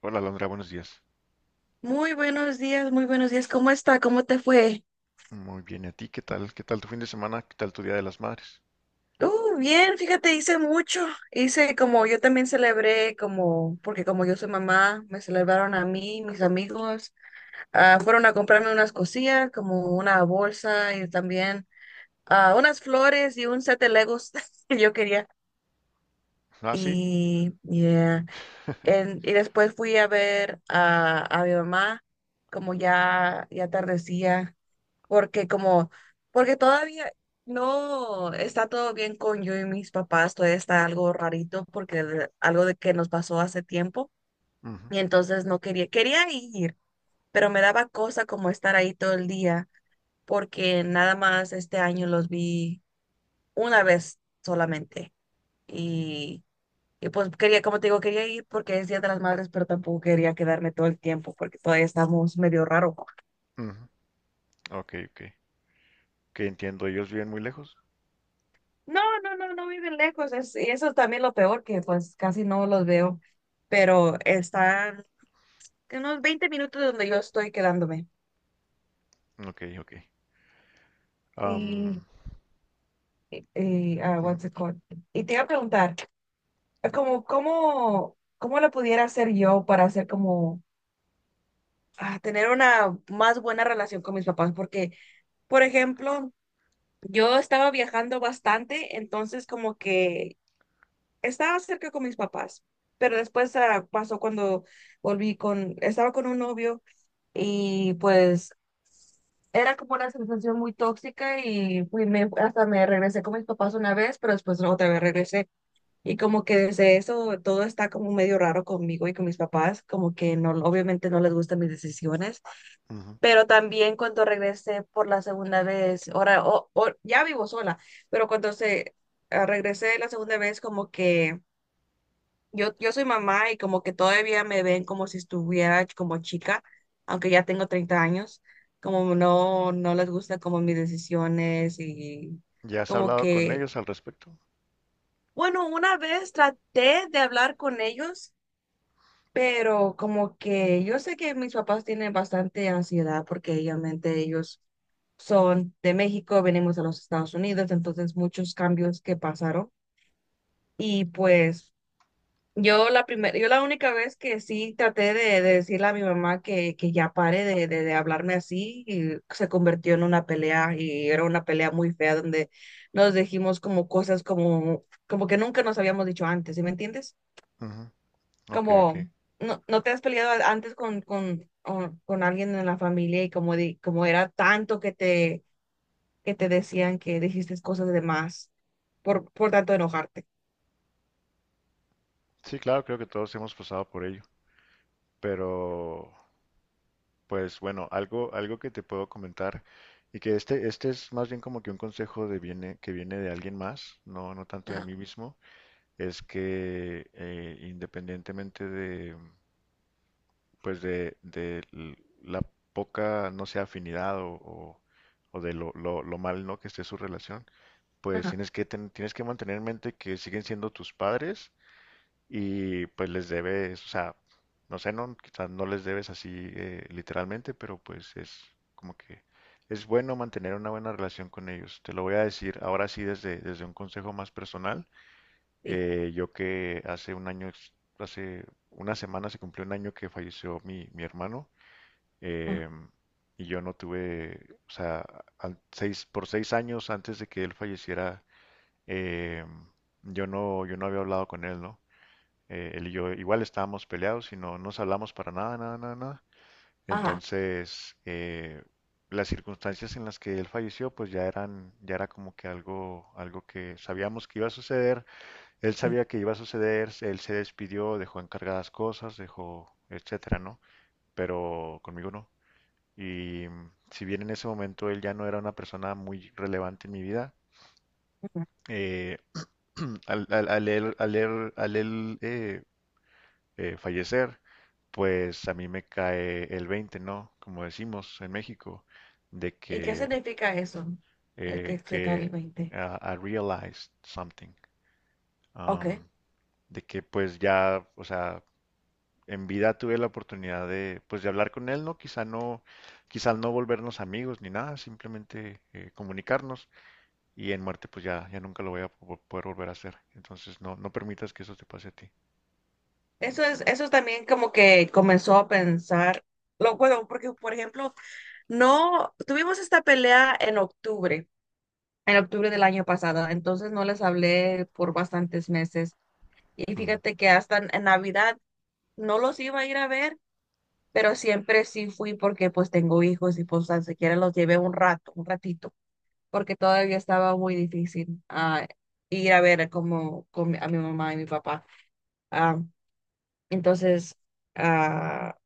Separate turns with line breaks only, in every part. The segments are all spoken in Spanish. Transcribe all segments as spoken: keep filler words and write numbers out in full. Hola, Alondra, buenos días.
Muy buenos días, muy buenos días. ¿Cómo está? ¿Cómo te fue?
Muy bien, ¿y a ti qué tal? ¿Qué tal tu fin de semana? ¿Qué tal tu Día de las Madres?
Uh, bien, fíjate, hice mucho. Hice como yo también celebré, como, porque como yo soy mamá, me celebraron a mí, mis amigos. Ah, fueron a comprarme unas cosillas, como una bolsa y también ah, unas flores y un set de Legos que yo quería.
Ah, sí.
Y, yeah. En- y después fui a ver a, a mi mamá, como ya, ya atardecía. porque como, porque todavía no está todo bien con yo y mis papás, todavía está algo rarito porque de- algo de que nos pasó hace tiempo
Ujú,
y entonces no quería, quería ir, pero me daba cosa como estar ahí todo el día porque nada más este año los vi una vez solamente. y, y pues quería, como te digo, quería ir porque es Día de las Madres, pero tampoco quería quedarme todo el tiempo porque todavía estamos medio raro.
ujú. Ok, ok. Que entiendo, ellos viven muy lejos.
No, no, no, no viven lejos. Es, y eso es también lo peor, que pues casi no los veo. Pero están unos veinte minutos de donde yo estoy quedándome.
Ok, ok.
Y,
Am,
y, y, ah,
ujú,
what's it called? Y te iba a preguntar, como, ¿cómo, cómo lo pudiera hacer yo para hacer como, ah, tener una más buena relación con mis papás? Porque, por ejemplo, yo estaba viajando bastante, entonces como que estaba cerca con mis papás, pero después ah, pasó cuando volví con, estaba con un novio y pues era como una sensación muy tóxica y fui, me, hasta me regresé con mis papás una vez, pero después no, otra vez regresé. Y como que desde eso todo está como medio raro conmigo y con mis papás, como que no, obviamente no les gustan mis decisiones,
ujú.
pero también cuando regresé por la segunda vez, ahora o- o- ya vivo sola, pero cuando se ah, regresé la segunda vez como que yo, yo soy mamá y como que todavía me ven como si estuviera como chica, aunque ya tengo treinta años, como no, no les gusta como mis decisiones y
¿Ya has
como
hablado con
que,
ellos al respecto?
bueno, una vez traté de hablar con ellos, pero como que yo sé que mis papás tienen bastante ansiedad porque obviamente ellos son de México, venimos a los Estados Unidos, entonces muchos cambios que pasaron y pues yo la primera, yo la única vez que sí traté de, de decirle a mi mamá que, que ya pare de, de, de hablarme así, y se convirtió en una pelea y era una pelea muy fea donde nos dijimos como cosas como, como que nunca nos habíamos dicho antes, ¿sí me entiendes?
Ujú. Ok, ok.
Como, no, no te has peleado antes con, con, con, con alguien en la familia y como, di- como era tanto que te, que te decían que dijiste cosas de más por, por tanto enojarte.
Sí, claro, creo que todos hemos pasado por ello. Pero, pues bueno, algo, algo que te puedo comentar y que este, este es más bien como que un consejo de viene, que viene de alguien más, no, no tanto de
Ajá,
mí mismo. Es que eh, independientemente de, pues de, de l- la poca, no sé, afinidad o, o- o de lo, lo, lo mal, ¿no? Que esté su relación, pues
ajá,
tienes que, ten- tienes que mantener en mente que siguen siendo tus padres y pues les debes, o sea, no sé, no, quizás no les debes así eh, literalmente, pero pues es como que es bueno mantener una buena relación con ellos. Te lo voy a decir ahora sí desde, desde un consejo más personal.
sí,
Eh, yo que hace un año, ex- hace una semana se cumplió un año que falleció mi, mi hermano
ajá,
em, y yo no tuve, o sea, an- seis, por seis años antes de que él falleciera, em, yo no, yo no había hablado con él, ¿no? Eh, él y yo igual estábamos peleados y no nos hablamos para nada, nada, nada, nada.
ajá,
Entonces, eh, las circunstancias en las que él falleció, pues ya eran, ya era como que algo, algo que sabíamos que iba a suceder. Él
sí.
sabía que iba a suceder, él se despidió, dejó encargadas cosas, dejó, etcétera, ¿no? Pero conmigo no. Y mm, si bien en ese momento él ya no era una persona muy relevante en mi vida, eh, al, al- al él, al él- al él, eh, eh, fallecer, pues a mí me cae el veinte, ¿no? Como decimos en México, de
¿Y qué
que,
significa eso? El
eh,
que se cae el
que
veinte.
ah, I realized something,
Ok.
um, de que pues ya, o sea, en vida tuve la oportunidad de, pues, de hablar con él, ¿no? Quizá no, quizá no volvernos amigos ni nada, simplemente eh, comunicarnos y en muerte pues ya, ya nunca lo voy a po- poder volver a hacer. Entonces no, no permitas que eso te pase a ti.
Eso es, eso también como que comenzó a pensar, lo bueno, porque por ejemplo, no, tuvimos esta pelea en octubre, en octubre del año pasado, entonces no les hablé por bastantes meses. Y
Ujú.
fíjate que hasta en en Navidad no los iba a ir a ver, pero siempre sí fui porque pues tengo hijos y pues tan siquiera los llevé un rato, un ratito. Porque todavía estaba muy difícil ah, ir a ver como con mi- a mi mamá y mi papá. Ah, entonces, ah,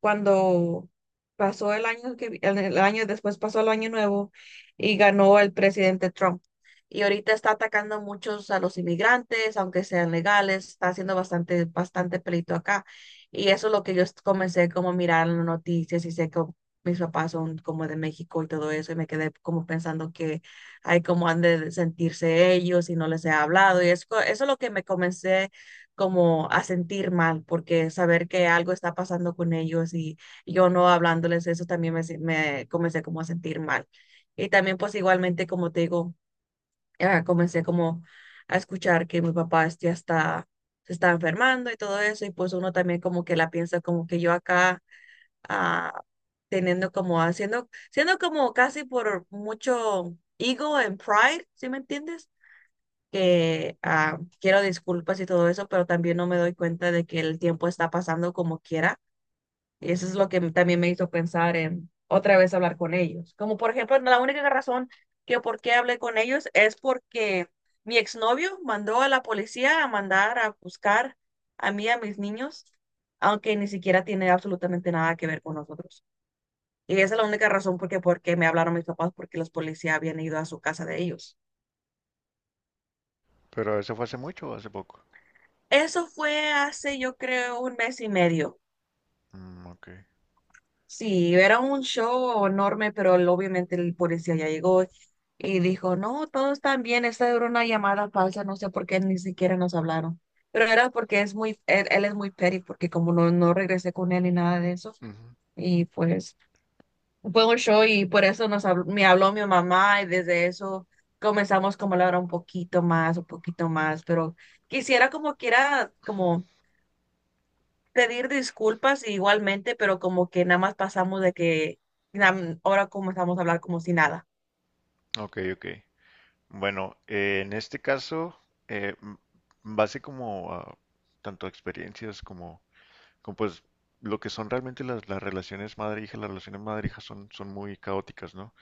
cuando pasó el año que vi- el, el año después pasó el año nuevo y ganó el presidente Trump. Y ahorita está atacando muchos a los inmigrantes, aunque sean legales, está haciendo bastante, bastante pleito acá. Y eso es lo que yo est- comencé como a mirar en las noticias y sé que mis papás son como de México y todo eso, y me quedé como pensando que hay como han de sentirse ellos y no les he hablado. Y eso, eso es lo que me comencé como a sentir mal, porque saber que algo está pasando con ellos y yo no hablándoles eso también me, se- me comencé como a sentir mal. Y también pues igualmente, como te digo, ah, comencé como a escuchar que mi papá este, ya está, se está enfermando y todo eso, y pues uno también como que la piensa como que yo acá, ah, teniendo como, haciendo, siendo como casi por mucho ego and pride, ¿sí me entiendes? Que ah, quiero disculpas y todo eso, pero también no me doy cuenta de que el tiempo está pasando como quiera. Y eso es lo que también me hizo pensar en otra vez hablar con ellos. Como por ejemplo, la única razón que por qué hablé con ellos es porque mi exnovio mandó a la policía a mandar a buscar a mí y a mis niños, aunque ni siquiera tiene absolutamente nada que ver con nosotros. Y esa es la única razón porque, porque me hablaron mis papás, porque los policías habían ido a su casa de ellos.
¿Pero eso fue hace mucho o hace poco?
Eso fue hace, yo creo, un mes y medio.
Mm, ok.
Sí, era un show enorme, pero el- obviamente el policía ya llegó y dijo, no, todos están bien, esta era una llamada falsa, no sé por qué ni siquiera nos hablaron. Pero era porque es muy, él, él es muy petty, porque como no, no regresé con él ni nada de eso,
Ujú.
y pues fue un show y por eso nos habló- me habló mi mamá y desde eso comenzamos como a hablar un poquito más, un poquito más, pero quisiera como quiera, como pedir disculpas igualmente, pero como que nada más pasamos de que na- ahora comenzamos a hablar como si nada.
Ok, ok. Bueno, eh, en este caso, eh, m- base como a tanto experiencias como, como pues lo que son realmente las, las relaciones madre-hija, las relaciones madre-hija son, son muy caóticas, ¿no?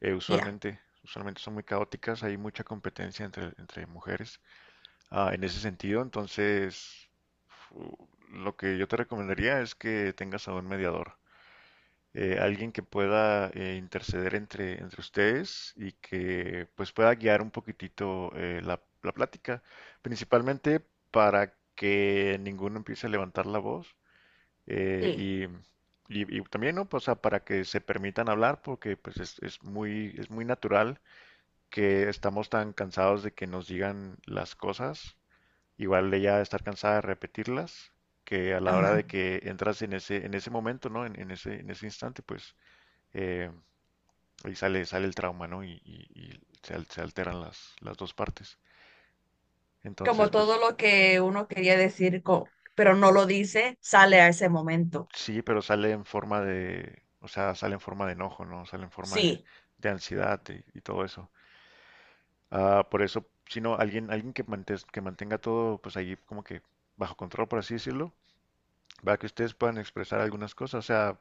eh,
Ya,
usualmente, usualmente son muy caóticas, hay mucha competencia entre, entre mujeres. ah, en ese sentido, entonces fu- lo que yo te recomendaría es que tengas a un mediador, eh, alguien que pueda eh, interceder entre, entre ustedes y que pues pueda guiar un poquitito, eh, la, la plática, principalmente para que ninguno empiece a levantar la voz. eh,
sí,
y y, y también, ¿no? Pues, o sea, para que se permitan hablar, porque pues es, es muy, es muy natural que estamos tan cansados de que nos digan las cosas, igual ella de estar cansada de repetirlas, que a la hora
ajá.
de que entras en ese, en ese momento, ¿no? En, en ese, en ese instante, pues eh, ahí sale, sale el trauma, ¿no? Y, y- y se, al- se alteran las, las dos partes. Entonces,
Como todo
pues
lo que uno quería decir, co- pero no lo dice, sale a ese momento.
sí, pero sale en forma de, o sea, sale en forma de enojo, ¿no? Sale en forma de,
Sí,
de ansiedad y, y todo eso. Ah, por eso, si no, alguien, alguien que mantes- que mantenga todo, pues ahí como que bajo control, por así decirlo, para que ustedes puedan expresar algunas cosas. O sea,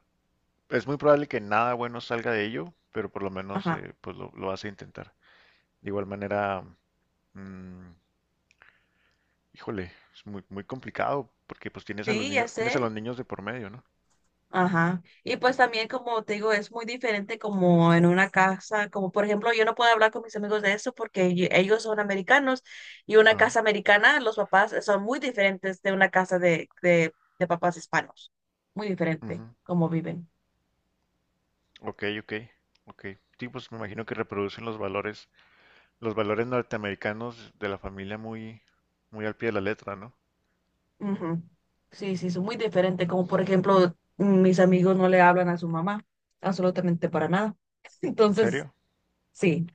es muy probable que nada bueno salga de ello, pero por lo menos
ajá.
eh, pues lo, lo vas a intentar. De igual manera, mm, híjole, es muy, muy complicado porque pues tienes a los
Sí, ya
niños, tienes a los
sé.
niños de por medio, ¿no?
Ajá. Y pues también, como te digo, es muy diferente como en una casa, como por ejemplo, yo no puedo hablar con mis amigos de eso porque yo- ellos son americanos y una
Ah,
casa americana, los papás son muy diferentes de una casa de, de, de papás hispanos. Muy
ujú.
diferente cómo viven.
Ok, ok, ok. Sí, pues me imagino que reproducen los valores, los valores norteamericanos de la familia muy, muy al pie de la letra, ¿no?
Ujú. Sí, sí, son muy diferentes. Como por ejemplo, mis amigos no le hablan a su mamá, absolutamente para nada.
¿En
Entonces,
serio?
sí,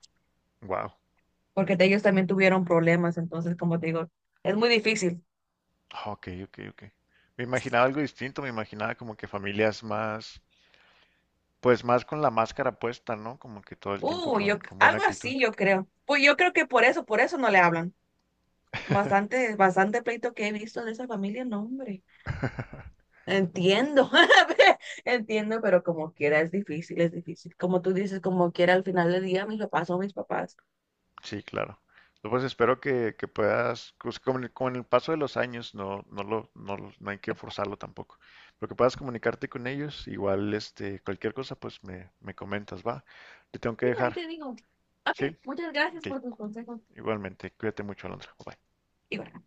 Wow.
porque ellos también tuvieron problemas, entonces, como te digo, es muy difícil.
Ah, ok, ok, ok. Me imaginaba algo distinto, me imaginaba como que familias más. Pues más con la máscara puesta, ¿no? Como que todo el tiempo
Uh,
con,
yo,
con buena
algo
actitud.
así yo creo. Pues yo creo que por eso, por eso no le hablan. Bastante, bastante pleito que he visto de esa familia, no, hombre. Entiendo, entiendo, pero como quiera es difícil, es difícil. Como tú dices, como quiera al final del día, mis papás son mis papás.
Sí, claro. No, pues espero que, que puedas, pues, con el, con el paso de los años, no, no lo, no, lo- no hay que forzarlo tampoco. Pero que puedas comunicarte con ellos, igual este, cualquier cosa, pues me, me comentas, va. Te tengo que
Sí, ahí
dejar.
te digo.
Sí,
Ok, muchas gracias
ok.
por tus consejos.
Igualmente, cuídate mucho, Alondra. Bye.
Igual.